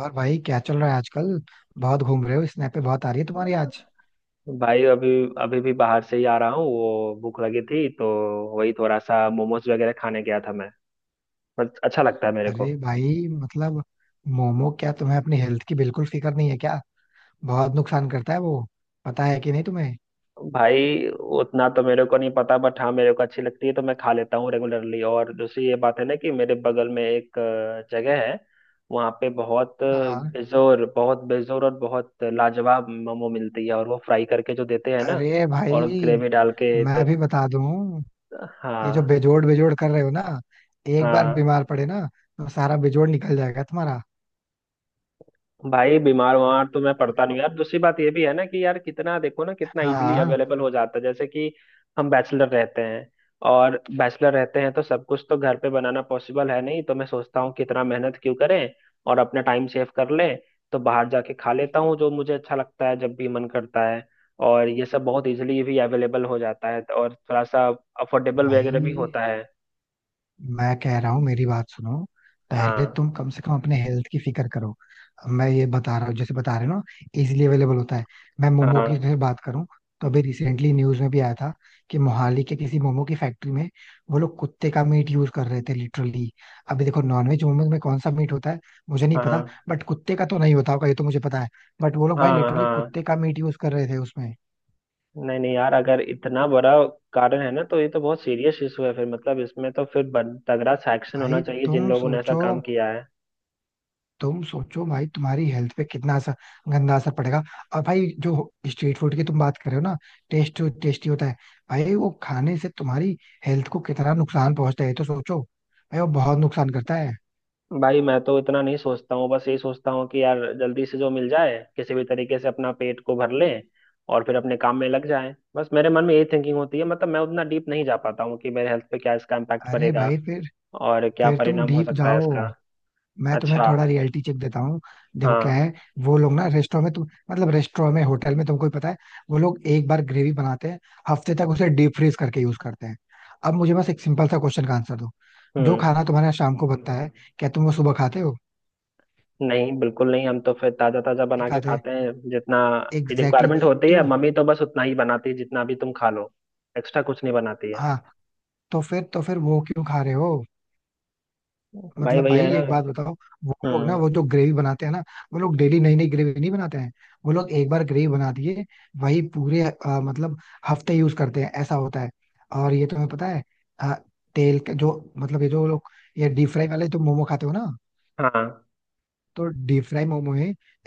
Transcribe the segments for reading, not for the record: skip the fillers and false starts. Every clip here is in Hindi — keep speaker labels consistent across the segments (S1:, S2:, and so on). S1: और भाई, क्या चल रहा है आजकल? बहुत घूम रहे हो, स्नैप पे बहुत आ रही है तुम्हारी आज.
S2: भाई, अभी अभी भी बाहर से ही आ रहा हूँ। वो भूख लगी थी तो वही थोड़ा सा मोमोज वगैरह खाने गया था मैं। पर अच्छा लगता है मेरे को।
S1: अरे भाई, मतलब मोमो क्या तुम्हें अपनी हेल्थ की बिल्कुल फिक्र नहीं है क्या? बहुत नुकसान करता है वो. पता है कि नहीं तुम्हें?
S2: भाई, उतना तो मेरे को नहीं पता बट हाँ, मेरे को अच्छी लगती है तो मैं खा लेता हूँ रेगुलरली। और दूसरी ये बात है ना कि मेरे बगल में एक जगह है। वहाँ पे बहुत
S1: हाँ.
S2: बेजोर, बहुत बेजोर और बहुत लाजवाब मोमो मिलती है, और वो फ्राई करके जो देते हैं ना,
S1: अरे
S2: और
S1: भाई,
S2: ग्रेवी डाल के तो।
S1: मैं भी बता दूं, ये जो
S2: हाँ।
S1: बेजोड़ बेजोड़ कर रहे हो ना, एक बार
S2: हाँ।
S1: बीमार पड़े ना, तो सारा बेजोड़ निकल जाएगा तुम्हारा.
S2: भाई बीमार वार तो मैं पड़ता नहीं हूँ यार। दूसरी बात ये भी है ना कि यार, कितना देखो ना कितना इजीली
S1: हाँ
S2: अवेलेबल हो जाता है, जैसे कि हम बैचलर रहते हैं, और बैचलर रहते हैं तो सब कुछ तो घर पे बनाना पॉसिबल है नहीं, तो मैं सोचता हूँ कितना मेहनत क्यों करें और अपना टाइम सेव कर लें। तो बाहर जाके खा लेता हूँ जो मुझे अच्छा लगता है जब भी मन करता है। और ये सब बहुत इजीली भी अवेलेबल हो जाता है और थोड़ा सा अफोर्डेबल वगैरह भी
S1: भाई,
S2: होता है।
S1: मैं कह रहा हूँ, मेरी बात सुनो. पहले
S2: हाँ।
S1: तुम कम से कम अपने हेल्थ की फिक्र करो. अब मैं ये बता रहा हूँ, जैसे बता रहे हो ना, इजीली अवेलेबल होता है. मैं मोमो की
S2: हाँ।
S1: अगर बात करूँ, तो अभी रिसेंटली न्यूज में भी आया था कि मोहाली के किसी मोमो की फैक्ट्री में वो लोग कुत्ते का मीट यूज कर रहे थे, लिटरली. अभी देखो, नॉनवेज मोमो में कौन सा मीट होता है मुझे नहीं पता,
S2: हाँ।
S1: बट कुत्ते का तो नहीं होता होगा ये तो मुझे पता है. बट वो लोग भाई
S2: हाँ।
S1: लिटरली
S2: हाँ।
S1: कुत्ते का मीट यूज कर रहे थे उसमें.
S2: नहीं नहीं यार, अगर इतना बड़ा कारण है ना तो ये तो बहुत सीरियस इशू है। फिर मतलब इसमें तो फिर तगड़ा सैक्शन होना
S1: भाई
S2: चाहिए जिन
S1: तुम
S2: लोगों ने ऐसा
S1: सोचो,
S2: काम किया है।
S1: तुम सोचो भाई, तुम्हारी हेल्थ पे कितना असर, गंदा असर पड़ेगा. और भाई, जो स्ट्रीट फूड की तुम बात कर रहे हो ना, टेस्ट, टेस्टी होता है, भाई वो खाने से तुम्हारी हेल्थ को कितना नुकसान पहुंचता है ये तो सोचो. भाई वो बहुत नुकसान करता है.
S2: भाई मैं तो इतना नहीं सोचता हूँ, बस यही सोचता हूँ कि यार जल्दी से जो मिल जाए किसी भी तरीके से अपना पेट को भर ले और फिर अपने काम में लग जाए। बस मेरे मन में यही थिंकिंग होती है। मतलब मैं उतना डीप नहीं जा पाता हूँ कि मेरे हेल्थ पे क्या इसका इम्पैक्ट
S1: अरे
S2: पड़ेगा
S1: भाई फिर
S2: और क्या
S1: फिर तुम
S2: परिणाम हो
S1: डीप
S2: सकता है
S1: जाओ.
S2: इसका।
S1: मैं तुम्हें
S2: अच्छा।
S1: थोड़ा रियलिटी चेक देता हूँ. देखो क्या
S2: हाँ।
S1: है. वो लोग ना रेस्टोरेंट में, तुम मतलब रेस्टोरेंट में, होटल में तुमको ही पता है, वो लोग एक बार ग्रेवी बनाते हैं, हफ्ते तक उसे डीप फ्रीज करके यूज करते हैं. अब मुझे बस एक सिंपल सा क्वेश्चन का आंसर दो. जो
S2: हम्म।
S1: खाना तुम्हारे यहाँ शाम को बनता है, क्या तुम वो सुबह खाते हो?
S2: नहीं, बिल्कुल नहीं, हम तो फिर ताजा ताजा
S1: नहीं
S2: बना के
S1: खाते.
S2: खाते हैं जितना
S1: एग्जैक्टली
S2: रिक्वायरमेंट होती
S1: exactly.
S2: है।
S1: तो
S2: मम्मी तो बस उतना ही बनाती है जितना भी तुम खा लो, एक्स्ट्रा कुछ नहीं बनाती है।
S1: हाँ, तो फिर वो क्यों खा रहे हो?
S2: भाई
S1: मतलब
S2: वही है
S1: भाई
S2: ना।
S1: एक बात बताओ, वो लोग ना,
S2: हम्म।
S1: वो जो ग्रेवी बनाते हैं ना, वो लोग डेली नई नई ग्रेवी नहीं बनाते हैं. वो लोग एक बार ग्रेवी बना दिए, वही पूरे मतलब हफ्ते यूज करते हैं, ऐसा होता है. और ये तुम्हें पता है, अ, तेल के जो, मतलब ये जो लोग, ये डीप फ्राई वाले जो मोमो खाते हो ना,
S2: हाँ।
S1: तो डीप फ्राई मोमो में,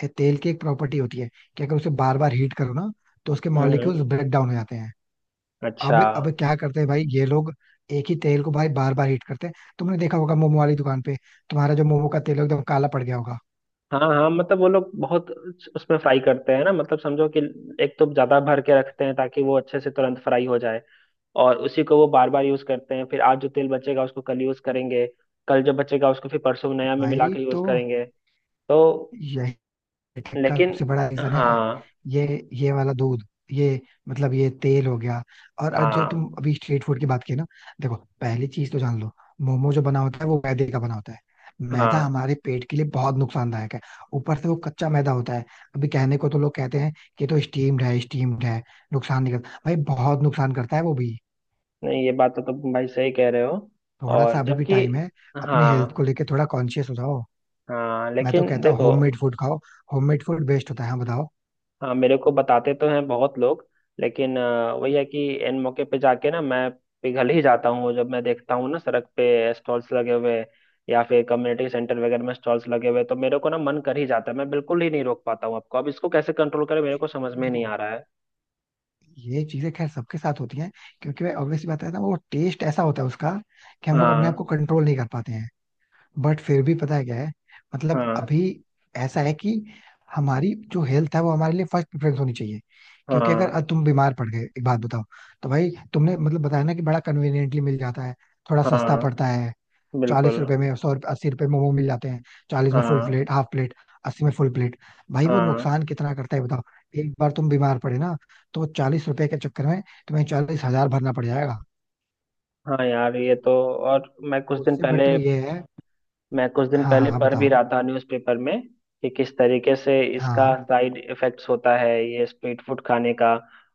S1: तेल की एक प्रॉपर्टी होती है कि अगर उसे बार बार हीट करो ना, तो उसके मॉलिक्यूल्स
S2: हम्म।
S1: ब्रेक डाउन हो जाते हैं.
S2: अच्छा।
S1: अब क्या करते हैं भाई ये लोग, एक ही तेल को भाई बार बार हीट करते हैं. तुमने देखा होगा मोमो वाली दुकान पे तुम्हारा जो मोमो का तेल है, एकदम काला पड़ गया होगा.
S2: हाँ हाँ, मतलब वो लोग बहुत उसमें फ्राई करते हैं ना, मतलब समझो कि एक तो ज्यादा भर के रखते हैं ताकि वो अच्छे से तुरंत फ्राई हो जाए, और उसी को वो बार बार यूज करते हैं। फिर आज जो तेल बचेगा उसको कल यूज करेंगे, कल जो बचेगा उसको फिर परसों नया में मिला
S1: भाई,
S2: के यूज करेंगे। तो
S1: तो टेक का
S2: लेकिन
S1: सबसे बड़ा रीजन है
S2: हाँ।
S1: ये ये वाला दूध ये मतलब ये तेल हो गया. और आज जो तुम
S2: हाँ।
S1: अभी स्ट्रीट फूड की बात की ना, देखो, पहली चीज तो जान लो, मोमो जो बना होता है वो मैदे का बना होता है. मैदा
S2: हाँ।
S1: हमारे पेट के लिए बहुत नुकसानदायक है. ऊपर से वो कच्चा मैदा होता है. अभी कहने को तो लोग कहते हैं कि तो स्टीम्ड है, स्टीम्ड है, नुकसान नहीं करता. भाई, बहुत नुकसान करता है वो भी.
S2: नहीं, ये बात तो तुम भाई सही कह रहे हो।
S1: थोड़ा सा
S2: और
S1: अभी भी
S2: जबकि
S1: टाइम है, अपने हेल्थ
S2: हाँ।
S1: को लेके थोड़ा कॉन्शियस हो जाओ.
S2: हाँ,
S1: मैं तो
S2: लेकिन
S1: कहता हूँ
S2: देखो।
S1: होममेड फूड खाओ, होममेड फूड बेस्ट होता है. हाँ, बताओ.
S2: हाँ, मेरे को बताते तो हैं बहुत लोग, लेकिन वही है कि इन मौके पे जाके ना मैं पिघल ही जाता हूँ, जब मैं देखता हूँ ना सड़क पे स्टॉल्स लगे हुए या फिर कम्युनिटी सेंटर वगैरह में स्टॉल्स लगे हुए, तो मेरे को ना मन कर ही जाता है, मैं बिल्कुल ही नहीं रोक पाता हूँ आपको। अब इसको कैसे कंट्रोल करें मेरे को समझ में नहीं
S1: देखो,
S2: आ रहा है।
S1: ये चीजें खैर सबके साथ होती हैं, क्योंकि भाई ऑब्वियसली बात है ना, वो टेस्ट ऐसा होता है उसका कि हम लोग अपने आप
S2: हाँ।
S1: को कंट्रोल नहीं कर पाते हैं. बट फिर भी पता है क्या है, मतलब
S2: हाँ।
S1: अभी ऐसा है कि हमारी जो हेल्थ है वो हमारे लिए फर्स्ट प्रेफरेंस होनी चाहिए. क्योंकि अगर आज
S2: हाँ।
S1: तुम बीमार पड़ गए, एक बात बताओ, तो भाई तुमने मतलब बताया ना कि बड़ा कन्वीनियंटली मिल जाता है, थोड़ा सस्ता
S2: हाँ।
S1: पड़ता है. चालीस
S2: बिल्कुल।
S1: रुपए में 100 रुपये, 80 रुपए मोमो मिल जाते हैं, 40 में फुल
S2: हाँ।
S1: प्लेट, हाफ प्लेट, 80 में फुल प्लेट. भाई वो
S2: हाँ।
S1: नुकसान कितना करता है बताओ. एक बार तुम बीमार पड़े ना, तो 40 रुपए के चक्कर में तुम्हें 40 हजार भरना पड़ जाएगा.
S2: हाँ यार, ये तो। और
S1: उससे बेटर ये है.
S2: मैं कुछ दिन
S1: हाँ हाँ
S2: पहले
S1: हाँ,
S2: पढ़ भी
S1: बताओ.
S2: रहा था न्यूज़पेपर में, कि किस तरीके से इसका
S1: हाँ.
S2: साइड इफेक्ट्स होता है ये स्ट्रीट फूड खाने का।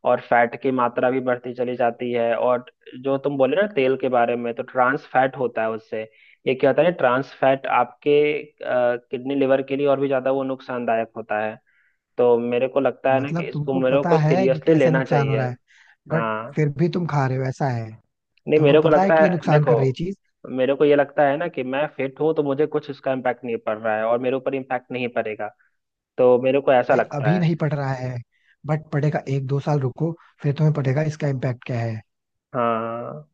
S2: और फैट की मात्रा भी बढ़ती चली जाती है, और जो तुम बोले ना तेल के बारे में, तो ट्रांस फैट होता है उससे। ये क्या होता है ट्रांस फैट, आपके किडनी लिवर के लिए और भी ज़्यादा वो नुकसानदायक होता है। तो मेरे को लगता है ना कि
S1: मतलब
S2: इसको
S1: तुमको
S2: मेरे को
S1: पता है कि
S2: सीरियसली
S1: कैसे
S2: लेना
S1: नुकसान हो
S2: चाहिए।
S1: रहा है, बट
S2: हाँ।
S1: फिर भी तुम खा रहे हो, ऐसा है?
S2: नहीं,
S1: तुमको
S2: मेरे को
S1: पता है
S2: लगता
S1: कि
S2: है
S1: ये नुकसान
S2: देखो,
S1: कर रही चीज.
S2: मेरे को ये लगता है ना कि मैं फिट हूँ तो मुझे कुछ उसका इम्पैक्ट नहीं पड़ रहा है और मेरे ऊपर इम्पैक्ट नहीं पड़ेगा, तो मेरे को ऐसा
S1: भाई
S2: लगता
S1: अभी
S2: है।
S1: नहीं पड़ रहा है, बट पड़ेगा, एक दो साल रुको, फिर तुम्हें पड़ेगा इसका इम्पैक्ट क्या है.
S2: हाँ।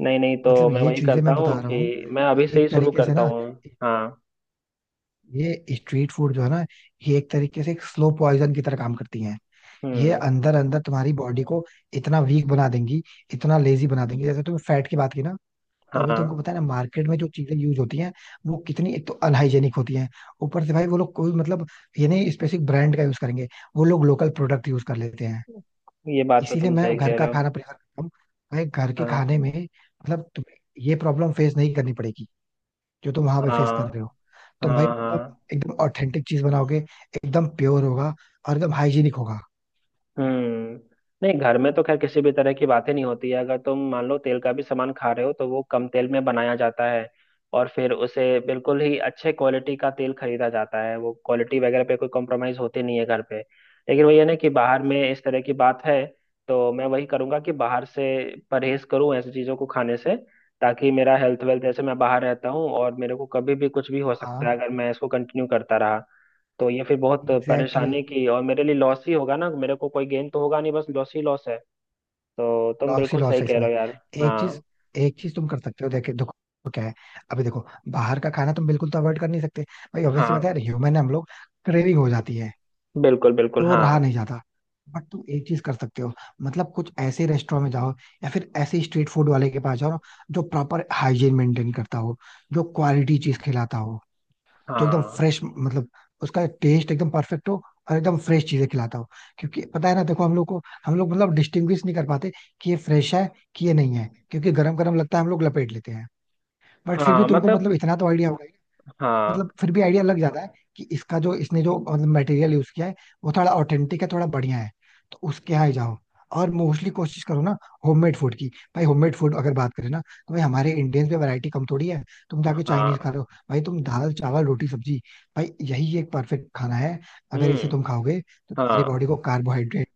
S2: नहीं नहीं, तो
S1: मतलब
S2: मैं
S1: ये
S2: वही
S1: चीजें
S2: करता
S1: मैं बता
S2: हूँ
S1: रहा हूँ
S2: कि मैं
S1: कि
S2: अभी से ही
S1: एक
S2: शुरू
S1: तरीके से
S2: करता
S1: ना,
S2: हूँ। हाँ।
S1: ये स्ट्रीट फूड जो है ना, ये एक तरीके से एक स्लो पॉइजन की तरह काम करती हैं. ये
S2: हम्म।
S1: अंदर अंदर तुम्हारी बॉडी को इतना वीक बना देंगी, इतना लेजी बना देंगी, जैसे तुमने फैट की बात की ना, तो अभी
S2: हाँ,
S1: तुमको पता है ना, मार्केट में जो चीजें यूज होती हैं, वो कितनी एक तो अनहाइजेनिक होती हैं. ऊपर से भाई वो लोग कोई मतलब ये नहीं स्पेसिफिक ब्रांड का यूज करेंगे, वो लोग लोकल प्रोडक्ट यूज कर लेते हैं.
S2: ये बात तो
S1: इसीलिए
S2: तुम सही
S1: मैं घर
S2: कह
S1: का
S2: रहे हो।
S1: खाना प्रेफर करता हूँ. भाई घर के
S2: हाँ।
S1: खाने में मतलब तुम्हें ये प्रॉब्लम फेस नहीं करनी पड़ेगी, जो तुम वहां पे फेस कर
S2: हाँ।
S1: रहे हो.
S2: हाँ।
S1: तुम भाई मतलब
S2: हाँ।
S1: एकदम ऑथेंटिक चीज बनाओगे, एकदम प्योर होगा, और एकदम हाइजीनिक होगा.
S2: हम्म। नहीं, घर में तो खैर किसी भी तरह की बातें नहीं होती है। अगर तुम मान लो तेल का भी सामान खा रहे हो, तो वो कम तेल में बनाया जाता है, और फिर उसे बिल्कुल ही अच्छे क्वालिटी का तेल खरीदा जाता है। वो क्वालिटी वगैरह पे कोई कॉम्प्रोमाइज होती नहीं है घर पे। लेकिन वही है ना कि बाहर में इस तरह की बात है, तो मैं वही करूंगा कि बाहर से परहेज करूं ऐसी चीज़ों को खाने से, ताकि मेरा हेल्थ वेल्थ, जैसे मैं बाहर रहता हूँ और मेरे को कभी भी कुछ भी हो सकता
S1: हाँ,
S2: है अगर मैं इसको कंटिन्यू करता रहा, तो ये फिर बहुत
S1: एग्जैक्टली,
S2: परेशानी की, और मेरे लिए लॉस ही होगा ना, मेरे को कोई गेन तो होगा नहीं, बस लॉस ही लॉस है। तो तुम
S1: लॉस ही
S2: बिल्कुल
S1: लॉस
S2: सही
S1: है
S2: कह
S1: इसमें.
S2: रहे हो यार।
S1: एक चीज,
S2: हाँ।
S1: एक चीज तुम कर सकते हो. देखे देखो क्या है, अभी देखो, बाहर का खाना तुम बिल्कुल तो अवॉइड कर नहीं सकते, भाई ऑब्वियसली बात है
S2: हाँ।
S1: यार, ह्यूमन है हम लोग, क्रेविंग हो जाती है,
S2: बिल्कुल बिल्कुल।
S1: तो
S2: हाँ।
S1: रहा नहीं जाता. बट तुम एक चीज कर सकते हो, मतलब कुछ ऐसे रेस्टोरेंट में जाओ, या फिर ऐसे स्ट्रीट फूड वाले के पास जाओ ना, जो प्रॉपर हाइजीन मेंटेन करता हो, जो क्वालिटी चीज खिलाता हो, जो एकदम
S2: हाँ।
S1: फ्रेश, मतलब उसका टेस्ट एकदम परफेक्ट हो, और एकदम फ्रेश चीजें खिलाता हो. क्योंकि पता है ना, देखो, हम लोग मतलब डिस्टिंग्विश नहीं कर पाते कि ये फ्रेश है कि ये नहीं है, क्योंकि गरम गरम लगता है हम लोग लपेट लेते हैं. बट फिर भी
S2: हाँ
S1: तुमको
S2: मतलब।
S1: मतलब इतना तो आइडिया होगा,
S2: हाँ।
S1: मतलब फिर भी आइडिया लग जाता है कि इसका जो, इसने जो मतलब मटेरियल यूज किया है, वो थोड़ा ऑथेंटिक है, थोड़ा बढ़िया है, तो उसके यहाँ ही जाओ. और मोस्टली कोशिश करो ना होममेड फूड की. भाई होममेड फूड अगर बात करें ना, तो भाई हमारे इंडियंस में वैरायटी कम थोड़ी है. तुम जाके चाइनीज खा
S2: हाँ।
S1: रहे हो? भाई तुम दाल चावल रोटी सब्जी, भाई यही एक परफेक्ट खाना है. अगर इसे
S2: हम्म।
S1: तुम खाओगे तो तुम्हारी
S2: हाँ,
S1: बॉडी को कार्बोहाइड्रेट,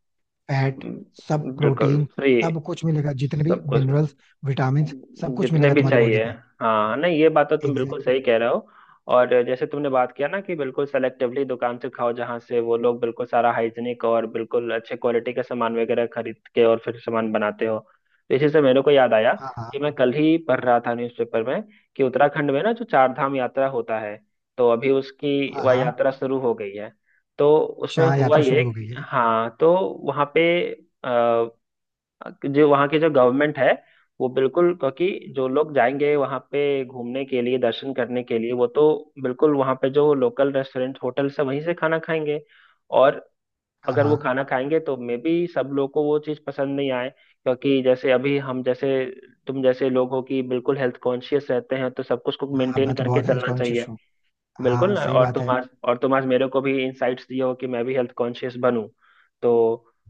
S1: फैट, सब,
S2: बिल्कुल
S1: प्रोटीन,
S2: फ्री।
S1: सब कुछ मिलेगा, जितने भी
S2: सब कुछ।
S1: मिनरल्स, विटामिन, सब कुछ
S2: जितने
S1: मिलेगा
S2: भी
S1: तुम्हारी बॉडी
S2: चाहिए।
S1: को.
S2: हाँ, नहीं, ये बात तो तुम बिल्कुल
S1: एग्जैक्टली
S2: सही
S1: exactly.
S2: कह रहे हो। और जैसे तुमने बात किया ना कि बिल्कुल सेलेक्टिवली दुकान से खाओ जहाँ से वो लोग बिल्कुल सारा हाइजीनिक और बिल्कुल अच्छे क्वालिटी का सामान वगैरह खरीद के और फिर सामान बनाते हो, तो इसी से मेरे को याद आया
S1: हाँ हाँ
S2: कि मैं कल ही पढ़ रहा था न्यूज़पेपर में, कि उत्तराखंड में ना जो चार धाम यात्रा होता है, तो अभी उसकी
S1: हाँ.
S2: वह
S1: हाँ,
S2: यात्रा शुरू हो गई है। तो उसमें
S1: शाह
S2: हुआ
S1: यात्रा
S2: ये।
S1: शुरू हो गई है.
S2: हाँ, तो वहाँ पे, जो वहाँ की जो गवर्नमेंट है, वो बिल्कुल, क्योंकि जो लोग जाएंगे वहाँ पे घूमने के लिए, दर्शन करने के लिए, वो तो बिल्कुल वहाँ पे जो लोकल रेस्टोरेंट होटल से वहीं से खाना खाएंगे। और
S1: हाँ
S2: अगर वो
S1: हाँ.
S2: खाना खाएंगे तो मे बी सब लोग को वो चीज़ पसंद नहीं आए, क्योंकि जैसे अभी हम जैसे, तुम जैसे लोग हो कि बिल्कुल हेल्थ कॉन्शियस रहते हैं, तो सब कुछ को
S1: हाँ,
S2: मेंटेन
S1: मैं तो
S2: करके
S1: बहुत हेल्थ
S2: चलना
S1: कॉन्शियस
S2: चाहिए।
S1: हूँ.
S2: बिल्कुल
S1: हाँ,
S2: ना।
S1: सही बात है.
S2: तुम आज मेरे को भी इनसाइट्स दिए हो कि मैं भी हेल्थ कॉन्शियस बनूं। तो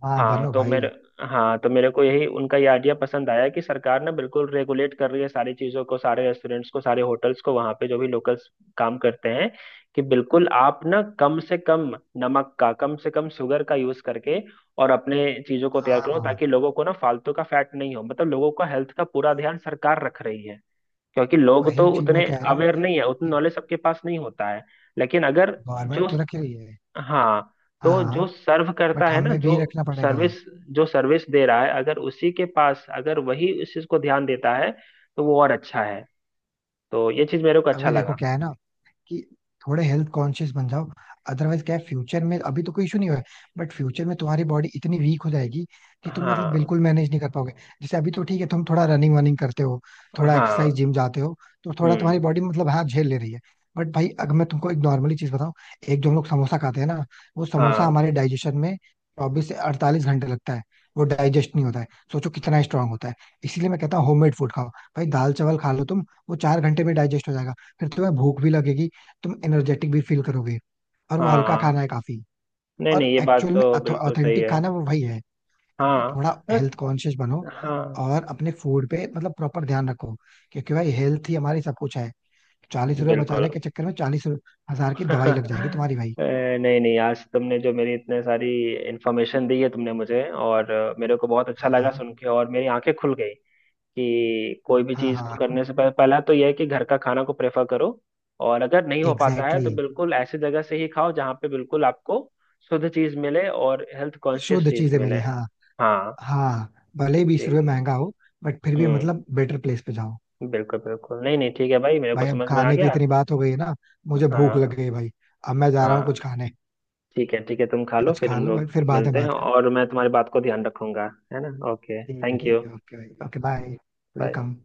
S1: हाँ,
S2: हाँ
S1: बनो
S2: तो मेरे
S1: भाई.
S2: हाँ तो मेरे को यही उनका ये आइडिया पसंद आया, कि सरकार ना बिल्कुल रेगुलेट कर रही है सारी चीज़ों को, सारे रेस्टोरेंट्स को, सारे होटल्स को, वहाँ पे जो भी लोकल्स काम करते हैं, कि बिल्कुल आप ना कम से कम नमक का, कम से कम शुगर का यूज़ करके, और अपने चीज़ों को तैयार करो,
S1: हाँ.
S2: ताकि लोगों को ना फालतू का फैट नहीं हो। मतलब लोगों का हेल्थ का पूरा ध्यान सरकार रख रही है, क्योंकि लोग
S1: वही
S2: तो
S1: चीज मैं
S2: उतने
S1: कह रहा हूँ
S2: अवेयर नहीं है, उतनी
S1: कि
S2: नॉलेज सबके पास नहीं होता है। लेकिन अगर जो,
S1: गवर्नमेंट तो रख रही है.
S2: हाँ,
S1: हाँ
S2: तो
S1: हाँ,
S2: जो सर्व करता
S1: बट
S2: है ना,
S1: हमें भी रखना पड़ेगा.
S2: सर्विस जो सर्विस दे रहा है, अगर उसी के पास, अगर वही उस चीज को ध्यान देता है, तो वो और अच्छा है। तो ये चीज मेरे को अच्छा
S1: अभी देखो
S2: लगा।
S1: क्या है ना, कि थोड़े हेल्थ कॉन्शियस बन जाओ. अदरवाइज क्या है, फ्यूचर में, अभी तो कोई इशू नहीं हुआ है, बट फ्यूचर में तुम्हारी बॉडी इतनी वीक हो जाएगी कि तुम मतलब
S2: हाँ।
S1: बिल्कुल मैनेज नहीं कर पाओगे. जैसे अभी तो ठीक है, तुम थोड़ा रनिंग वनिंग करते हो, थोड़ा एक्सरसाइज,
S2: हाँ।
S1: जिम जाते हो, तो थोड़ा तुम्हारी
S2: हम्म।
S1: बॉडी मतलब, हाँ, झेल ले रही है. बट भाई अगर मैं तुमको एक नॉर्मली चीज बताऊं, एक जो हम लोग समोसा खाते हैं ना, वो समोसा
S2: हाँ।
S1: हमारे डाइजेशन में 24 से 48 घंटे लगता है, वो डाइजेस्ट नहीं होता है, सोचो कितना स्ट्रांग होता है. इसीलिए मैं कहता हूँ होममेड फूड खाओ. भाई दाल चावल खा लो तुम, वो 4 घंटे में डाइजेस्ट हो जाएगा, फिर तुम्हें भूख भी लगेगी, तुम एनर्जेटिक भी फील करोगे, और वो हल्का खाना
S2: हाँ।
S1: है काफी.
S2: नहीं नहीं,
S1: और
S2: ये बात
S1: एक्चुअल में
S2: तो बिल्कुल सही
S1: ऑथेंटिक
S2: है।
S1: खाना वो वही है. इसलिए
S2: हाँ।
S1: थोड़ा
S2: हाँ।
S1: हेल्थ कॉन्शियस बनो,
S2: हाँ,
S1: और अपने फूड पे मतलब प्रॉपर ध्यान रखो, क्योंकि भाई हेल्थ ही हमारी सब कुछ है. 40 रुपए
S2: बिल्कुल।
S1: बचाने के चक्कर में 40 हजार की दवाई लग जाएगी तुम्हारी भाई.
S2: नहीं नहीं, आज तुमने जो मेरी इतने सारी इन्फॉर्मेशन दी है तुमने मुझे, और मेरे को बहुत अच्छा
S1: हाँ
S2: लगा
S1: हाँ
S2: सुन के, और मेरी आंखें खुल गई कि कोई भी
S1: हाँ.
S2: चीज़ को
S1: हाँ,
S2: करने से पहले पहला तो यह है कि घर का खाना को प्रेफर करो, और अगर नहीं हो पाता है
S1: एग्जैक्टली
S2: तो
S1: exactly.
S2: बिल्कुल ऐसी जगह से ही खाओ जहाँ पे बिल्कुल आपको शुद्ध चीज़ मिले और हेल्थ कॉन्शियस
S1: शुद्ध
S2: चीज़
S1: चीजें
S2: मिले।
S1: मिले, हाँ.
S2: हाँ।
S1: हाँ, भले ही 20 रुपए
S2: ठीक है।
S1: महंगा हो, बट फिर भी
S2: हम्म।
S1: मतलब बेटर प्लेस पे जाओ.
S2: बिल्कुल बिल्कुल, नहीं नहीं, ठीक है भाई, मेरे को
S1: भाई अब
S2: समझ में आ
S1: खाने की
S2: गया।
S1: इतनी बात हो गई है ना, मुझे भूख लग
S2: हाँ।
S1: गई है भाई. अब मैं जा रहा हूँ कुछ
S2: हाँ।
S1: खाने.
S2: ठीक है, ठीक है, तुम खा लो
S1: कुछ
S2: फिर
S1: खा
S2: हम
S1: लो भाई,
S2: लोग
S1: फिर बाद में
S2: मिलते हैं,
S1: बात
S2: और
S1: करते
S2: मैं तुम्हारी बात को ध्यान रखूंगा, है ना। ओके,
S1: हैं. ठीक
S2: थैंक
S1: है,
S2: यू।
S1: ठीक है, ओके भाई, ओके, बाय.
S2: बाय।
S1: वेलकम.